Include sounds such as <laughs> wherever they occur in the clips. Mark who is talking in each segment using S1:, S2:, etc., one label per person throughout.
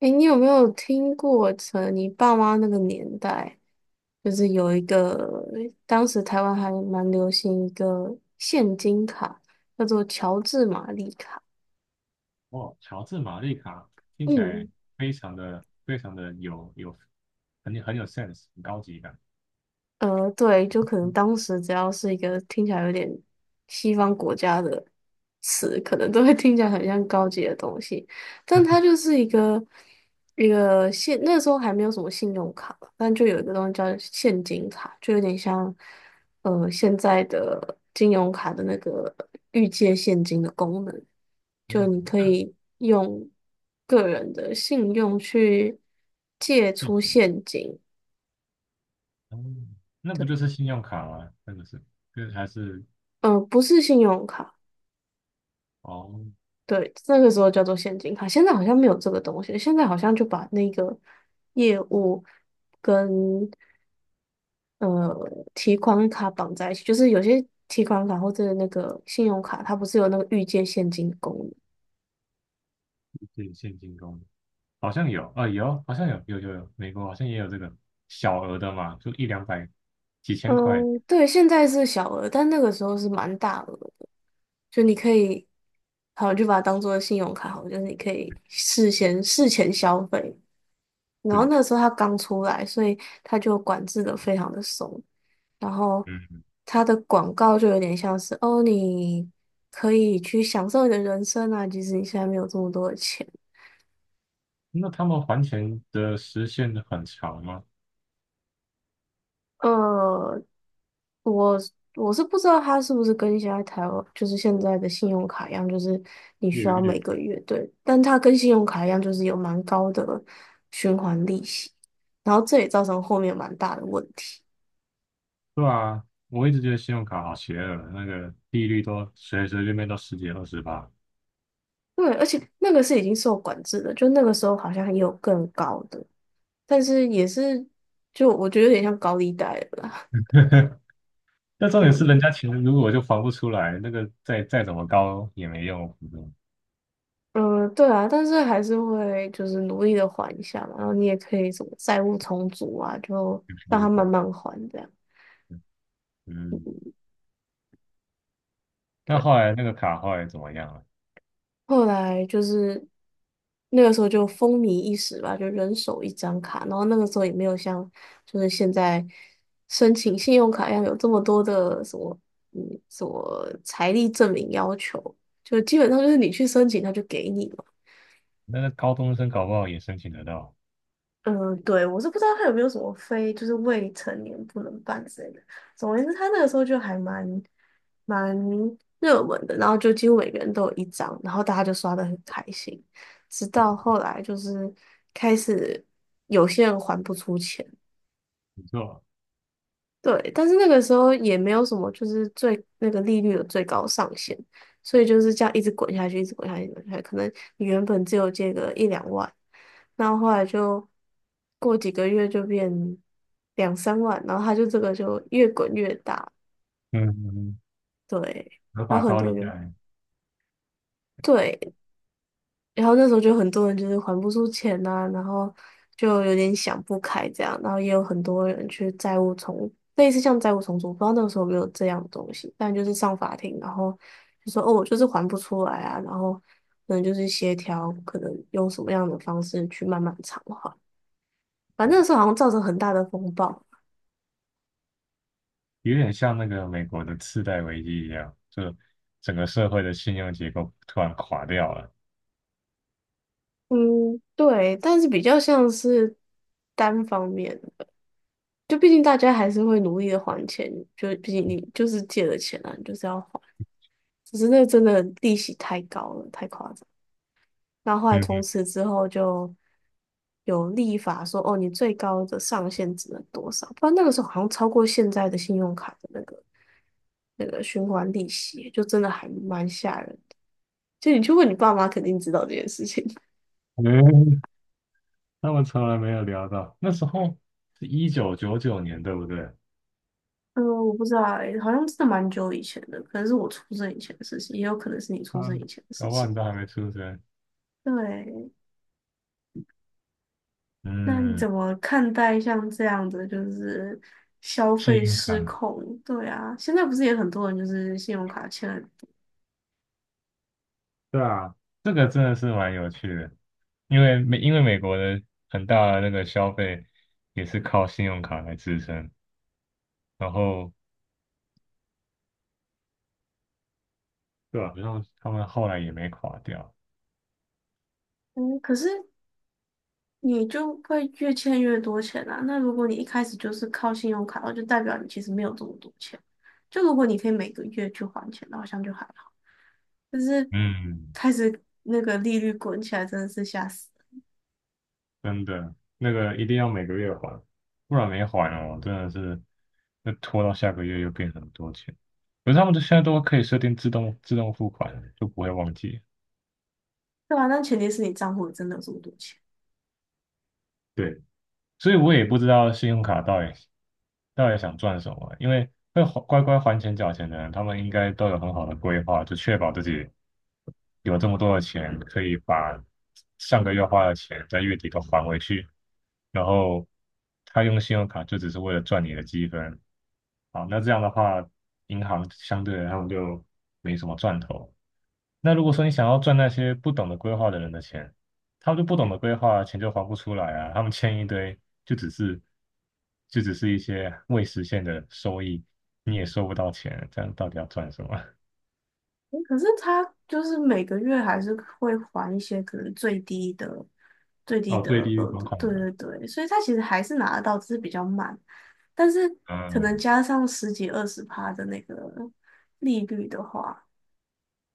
S1: 哎，你有没有听过从你爸妈那个年代，就是有一个，当时台湾还蛮流行一个现金卡，叫做乔治玛丽卡。
S2: 哦，乔治玛丽卡听起
S1: 嗯，
S2: 来非常的非常的有很有 sense，很高级感。
S1: 对，就可能
S2: 嗯
S1: 当时只要是一个听起来有点西方国家的词，可能都会听起来很像高级的东西，但它就是一个现那时候还没有什么信用卡，但就有一个东西叫现金卡，就有点像现在的金融卡的那个预借现金的功能，
S2: 嗯。
S1: 就你可
S2: 那
S1: 以用个人的信用去借
S2: 谢
S1: 出
S2: 谢。
S1: 现金。
S2: 哦，那不就
S1: 对。
S2: 是信用卡吗？那个是，就是还是
S1: 不是信用卡，
S2: 哦，
S1: 对，那个时候叫做现金卡，现在好像没有这个东西，现在好像就把那个业务跟呃提款卡绑在一起，就是有些提款卡或者那个信用卡，它不是有那个预借现金的功能？
S2: 自己现金功能好像有啊、有，好像有，有，美国好像也有这个小额的嘛，就一两百、几千块。
S1: 嗯，对，现在是小额，但那个时候是蛮大额的，就你可以，好，就把它当做信用卡好了，就是你可以事先事前消费，然后
S2: 对，
S1: 那个时候它刚出来，所以它就管制的非常的松。然后
S2: 嗯，
S1: 它的广告就有点像是哦，你可以去享受你的人生啊，即使你现在没有这么多的钱。
S2: 那他们还钱的时限很长吗？
S1: 呃，我我是不知道它是不是跟现在台湾就是现在的信用卡一样，就是你需要
S2: 月
S1: 每
S2: 月
S1: 个月对，但它跟信用卡一样，就是有蛮高的循环利息，然后这也造成后面蛮大的问题。
S2: 对啊，我一直觉得信用卡好邪恶，那个利率都随随便便都十几二十吧。
S1: 对，而且那个是已经受管制的，就那个时候好像也有更高的。但是也是，就我觉得有点像高利贷了啦。
S2: <laughs> 那
S1: <laughs>
S2: 重点是人
S1: 嗯
S2: 家钱如果就还不出来，那个再怎么高也没用，嗯，
S1: 嗯，对啊，但是还是会就是努力的还一下嘛。然后你也可以什么债务重组啊，就
S2: 一
S1: 让他
S2: 直还。
S1: 慢慢还这样。
S2: 嗯，那
S1: 对，
S2: 后来那个卡后来怎么样了？
S1: 后来就是那个时候就风靡一时吧，就人手一张卡。然后那个时候也没有像就是现在申请信用卡一样有这么多的什么什么财力证明要求，就基本上就是你去申请他就给你。嘛。
S2: 那个高中生搞不好也申请得到，
S1: 嗯，对，我是不知道他有没有什么非就是未成年不能办之类的。总而言之，他那个时候就还蛮热门的，然后就几乎每个人都有一张，然后大家就刷的很开心。直到后来就是开始有些人还不出钱，
S2: 不错，
S1: 对，但是那个时候也没有什么，就是最那个利率的最高上限，所以就是这样一直滚下去，一直滚下去，滚下去可能你原本只有借个一两万，那后来就过几个月就变两三万，然后它就这个就越滚越大，
S2: 嗯嗯，
S1: 对，
S2: 合
S1: 然
S2: 法
S1: 后很
S2: 高
S1: 多
S2: 利
S1: 人
S2: 贷
S1: 就对，然后那时候就很多人就是还不出钱呐、然后就有点想不开这样，然后也有很多人去债务重，类似像债务重组，不知道那个时候有没有这样的东西，但就是上法庭，然后就说哦，我就是还不出来啊，然后可能就是协调，可能用什么样的方式去慢慢偿还，反正那时候好像造成很大的风暴。
S2: 有点像那个美国的次贷危机一样，就整个社会的信用结构突然垮掉了。
S1: 嗯，对，但是比较像是单方面的，就毕竟大家还是会努力的还钱，就毕竟你就是借了钱啊，你就是要还。只是那真的利息太高了，太夸张。那后来从
S2: 嗯。
S1: 此之后就有立法说，哦，你最高的上限只能多少？不然那个时候好像超过现在的信用卡的那个循环利息，就真的还蛮吓人的。就你去问你爸妈，肯定知道这件事情。<laughs>
S2: <laughs> 他们从来没有聊到。那时候是1999年，对不对？
S1: 嗯，我不知道欸，好像真的蛮久以前的，可能是我出生以前的事情，也有可能是你出
S2: 啊，
S1: 生以前的事
S2: 搞不好
S1: 情。
S2: 你都还没出生。
S1: 对，那你
S2: 嗯，
S1: 怎么看待像这样的就是消
S2: 幸
S1: 费
S2: 运卡，
S1: 失控？对啊，现在不是也很多人就是信用卡欠了，
S2: 对啊，这个真的是蛮有趣的，因为美国的很大的那个消费也是靠信用卡来支撑，然后对啊，然后他们后来也没垮掉。
S1: 嗯，可是你就会越欠越多钱啊。那如果你一开始就是靠信用卡，那就代表你其实没有这么多钱。就如果你可以每个月去还钱，那好像就还好。但是
S2: 嗯，
S1: 开始那个利率滚起来，真的是吓死人。
S2: 真的，那个一定要每个月还，不然没还哦，真的是，那拖到下个月又变很多钱。可是他们都现在都可以设定自动付款，就不会忘记。
S1: 对吧？但前提是你账户里真的有这么多钱。
S2: 对，所以我也不知道信用卡到底想赚什么，因为会还乖乖还钱缴钱的人，他们应该都有很好的规划，就确保自己有这么多的钱，可以把上个月花的钱在月底都还回去。然后他用信用卡就只是为了赚你的积分，好，那这样的话，银行相对来他们就没什么赚头。那如果说你想要赚那些不懂得规划的人的钱，他们就不懂得规划，钱就还不出来啊。他们欠一堆，就只是就只是一些未实现的收益，你也收不到钱，这样到底要赚什么？
S1: 嗯可是他就是每个月还是会还一些可能最低的、最
S2: <laughs>
S1: 低
S2: 哦，
S1: 的
S2: 最低
S1: 额
S2: 还
S1: 度，
S2: 款
S1: 对对
S2: 额，
S1: 对，所以他其实还是拿得到，只是比较慢，但是可能
S2: 嗯，
S1: 加上十几二十趴的那个利率的话，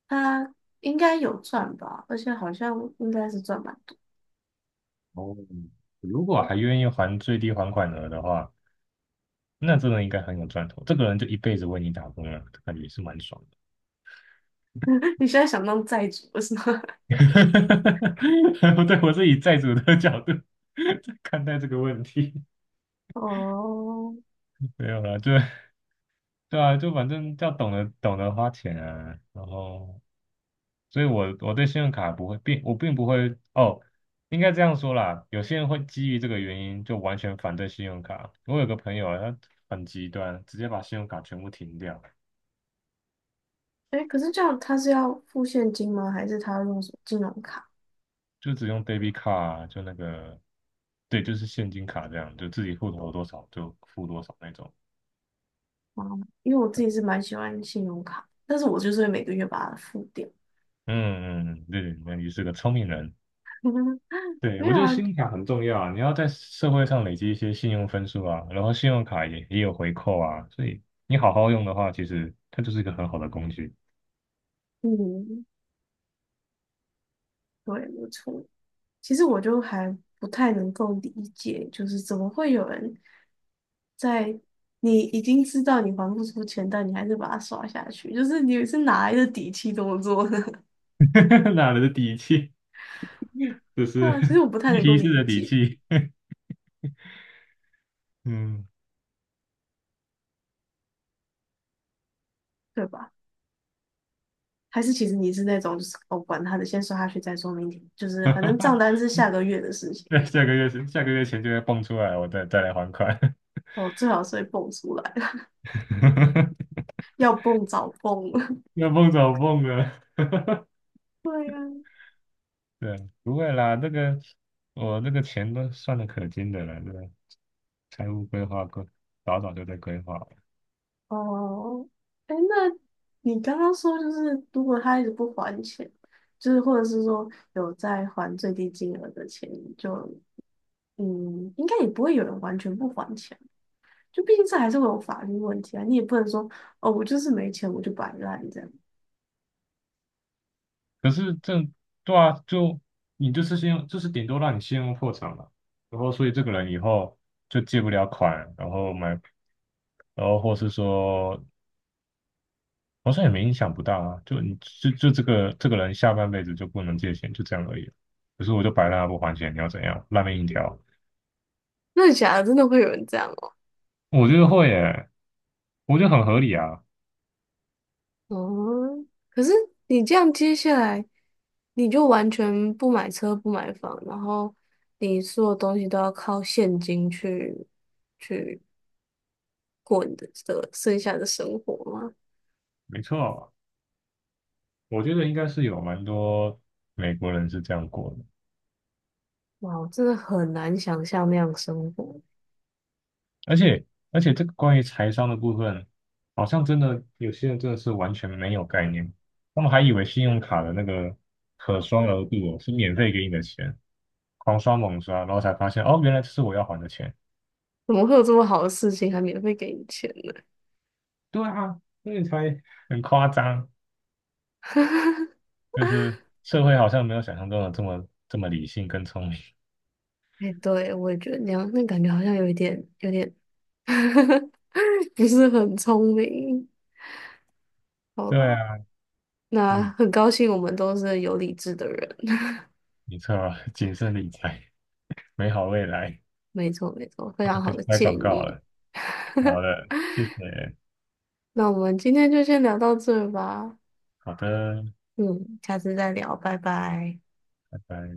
S1: 他应该有赚吧，而且好像应该是赚蛮多。
S2: 哦，如果还愿意还最低还款额的话，那真的应该很有赚头。这个人就一辈子为你打工了，感觉也是蛮爽的。
S1: <laughs> 你现在想当债主是吗？
S2: <laughs> 不对，我是以债主的角度 <laughs> 看待这个问题，
S1: <laughs> 哦，
S2: 没有啦，就对啊，就反正要懂得花钱啊，然后，所以我对信用卡不会并我并不会哦，应该这样说啦，有些人会基于这个原因就完全反对信用卡。我有个朋友啊，他很极端，直接把信用卡全部停掉，
S1: 哎，可是这样他是要付现金吗？还是他用什么金融卡？
S2: 就只用 debit card，啊就那个，对，就是现金卡这样，就自己户头有多少就付多少那种。
S1: 啊，因为我自己是蛮喜欢信用卡，但是我就是会每个月把它付掉。
S2: 嗯嗯，对对，那你是个聪明人。
S1: <laughs>
S2: 对，
S1: 没
S2: 我
S1: 有
S2: 觉得
S1: 啊，
S2: 信用卡很重要啊，你要在社会上累积一些信用分数啊，然后信用卡也有回扣啊，所以你好好用的话，其实它就是一个很好的工具。
S1: 嗯，对，没错。其实我就还不太能够理解，就是怎么会有人在你已经知道你还不出钱，但你还是把它刷下去，就是你是哪来的底气这么做呢？<laughs>
S2: <laughs> 哪来的底气？这
S1: 对
S2: 是
S1: 啊，其实
S2: <laughs>
S1: 我不太能够
S2: 一式
S1: 理
S2: 的底
S1: 解，
S2: 气。<laughs> 嗯，
S1: 对吧？还是其实你是那种就是哦，管他的，先刷下去再说，明天就是反正账单是下个月的事情，
S2: 那下个月钱就会蹦出来，我再来还款。
S1: 哦，最好是会蹦出来。
S2: <laughs>
S1: 要蹦早蹦了。
S2: 要蹦早蹦了。<laughs>
S1: <laughs> 对呀、
S2: 对，不会啦，这个我这个钱都算的可精的了，对吧？财务规划,早早就在规划了，
S1: 哦，哎，那你刚刚说就是，如果他一直不还钱，就是或者是说有在还最低金额的钱，就嗯，应该也不会有人完全不还钱，就毕竟这还是会有法律问题啊。你也不能说哦，我就是没钱，我就摆烂这样。
S2: 可是这对啊，就你就是先用，就是顶多让你先用破产嘛，然后所以这个人以后就借不了款，然后买，然后或是说好像也没影响不大啊，就你就这个人下半辈子就不能借钱，就这样而已。可是我就摆烂不还钱，你要怎样？烂命一条，
S1: 那假的，真的会有人这样哦？
S2: 我觉得会耶，我觉得很合理啊，
S1: 哦，可是你这样接下来，你就完全不买车不买房，然后你所有东西都要靠现金去过你的的剩下的生活吗？
S2: 没错，我觉得应该是有蛮多美国人是这样过的。
S1: 哇，我真的很难想象那样生活，
S2: 而且而且这个关于财商的部分，好像真的有些人真的是完全没有概念，他们还以为信用卡的那个可刷额度哦是免费给你的钱，狂刷猛刷，然后才发现哦，原来这是我要还的钱。
S1: 怎么会有这么好的事情还免费给你钱呢？
S2: 对啊，所以才很夸张，
S1: <laughs>
S2: 就是社会好像没有想象中的这么理性跟聪明。
S1: 哎，对，我也觉得那样，那感觉好像有一点，有点 <laughs> 不是很聪明。好
S2: 对
S1: 啦，
S2: 啊，
S1: 那
S2: 嗯，
S1: 很高兴我们都是有理智的人。
S2: 没错，谨慎理财，美好未来，
S1: 没错，没错，
S2: <laughs>
S1: 非
S2: 我都
S1: 常
S2: 可
S1: 好
S2: 以
S1: 的
S2: 拍
S1: 建
S2: 广告
S1: 议。
S2: 了。好的，谢谢，
S1: 那我们今天就先聊到这儿吧，
S2: 好的，
S1: 嗯，下次再聊，拜拜。
S2: 拜拜。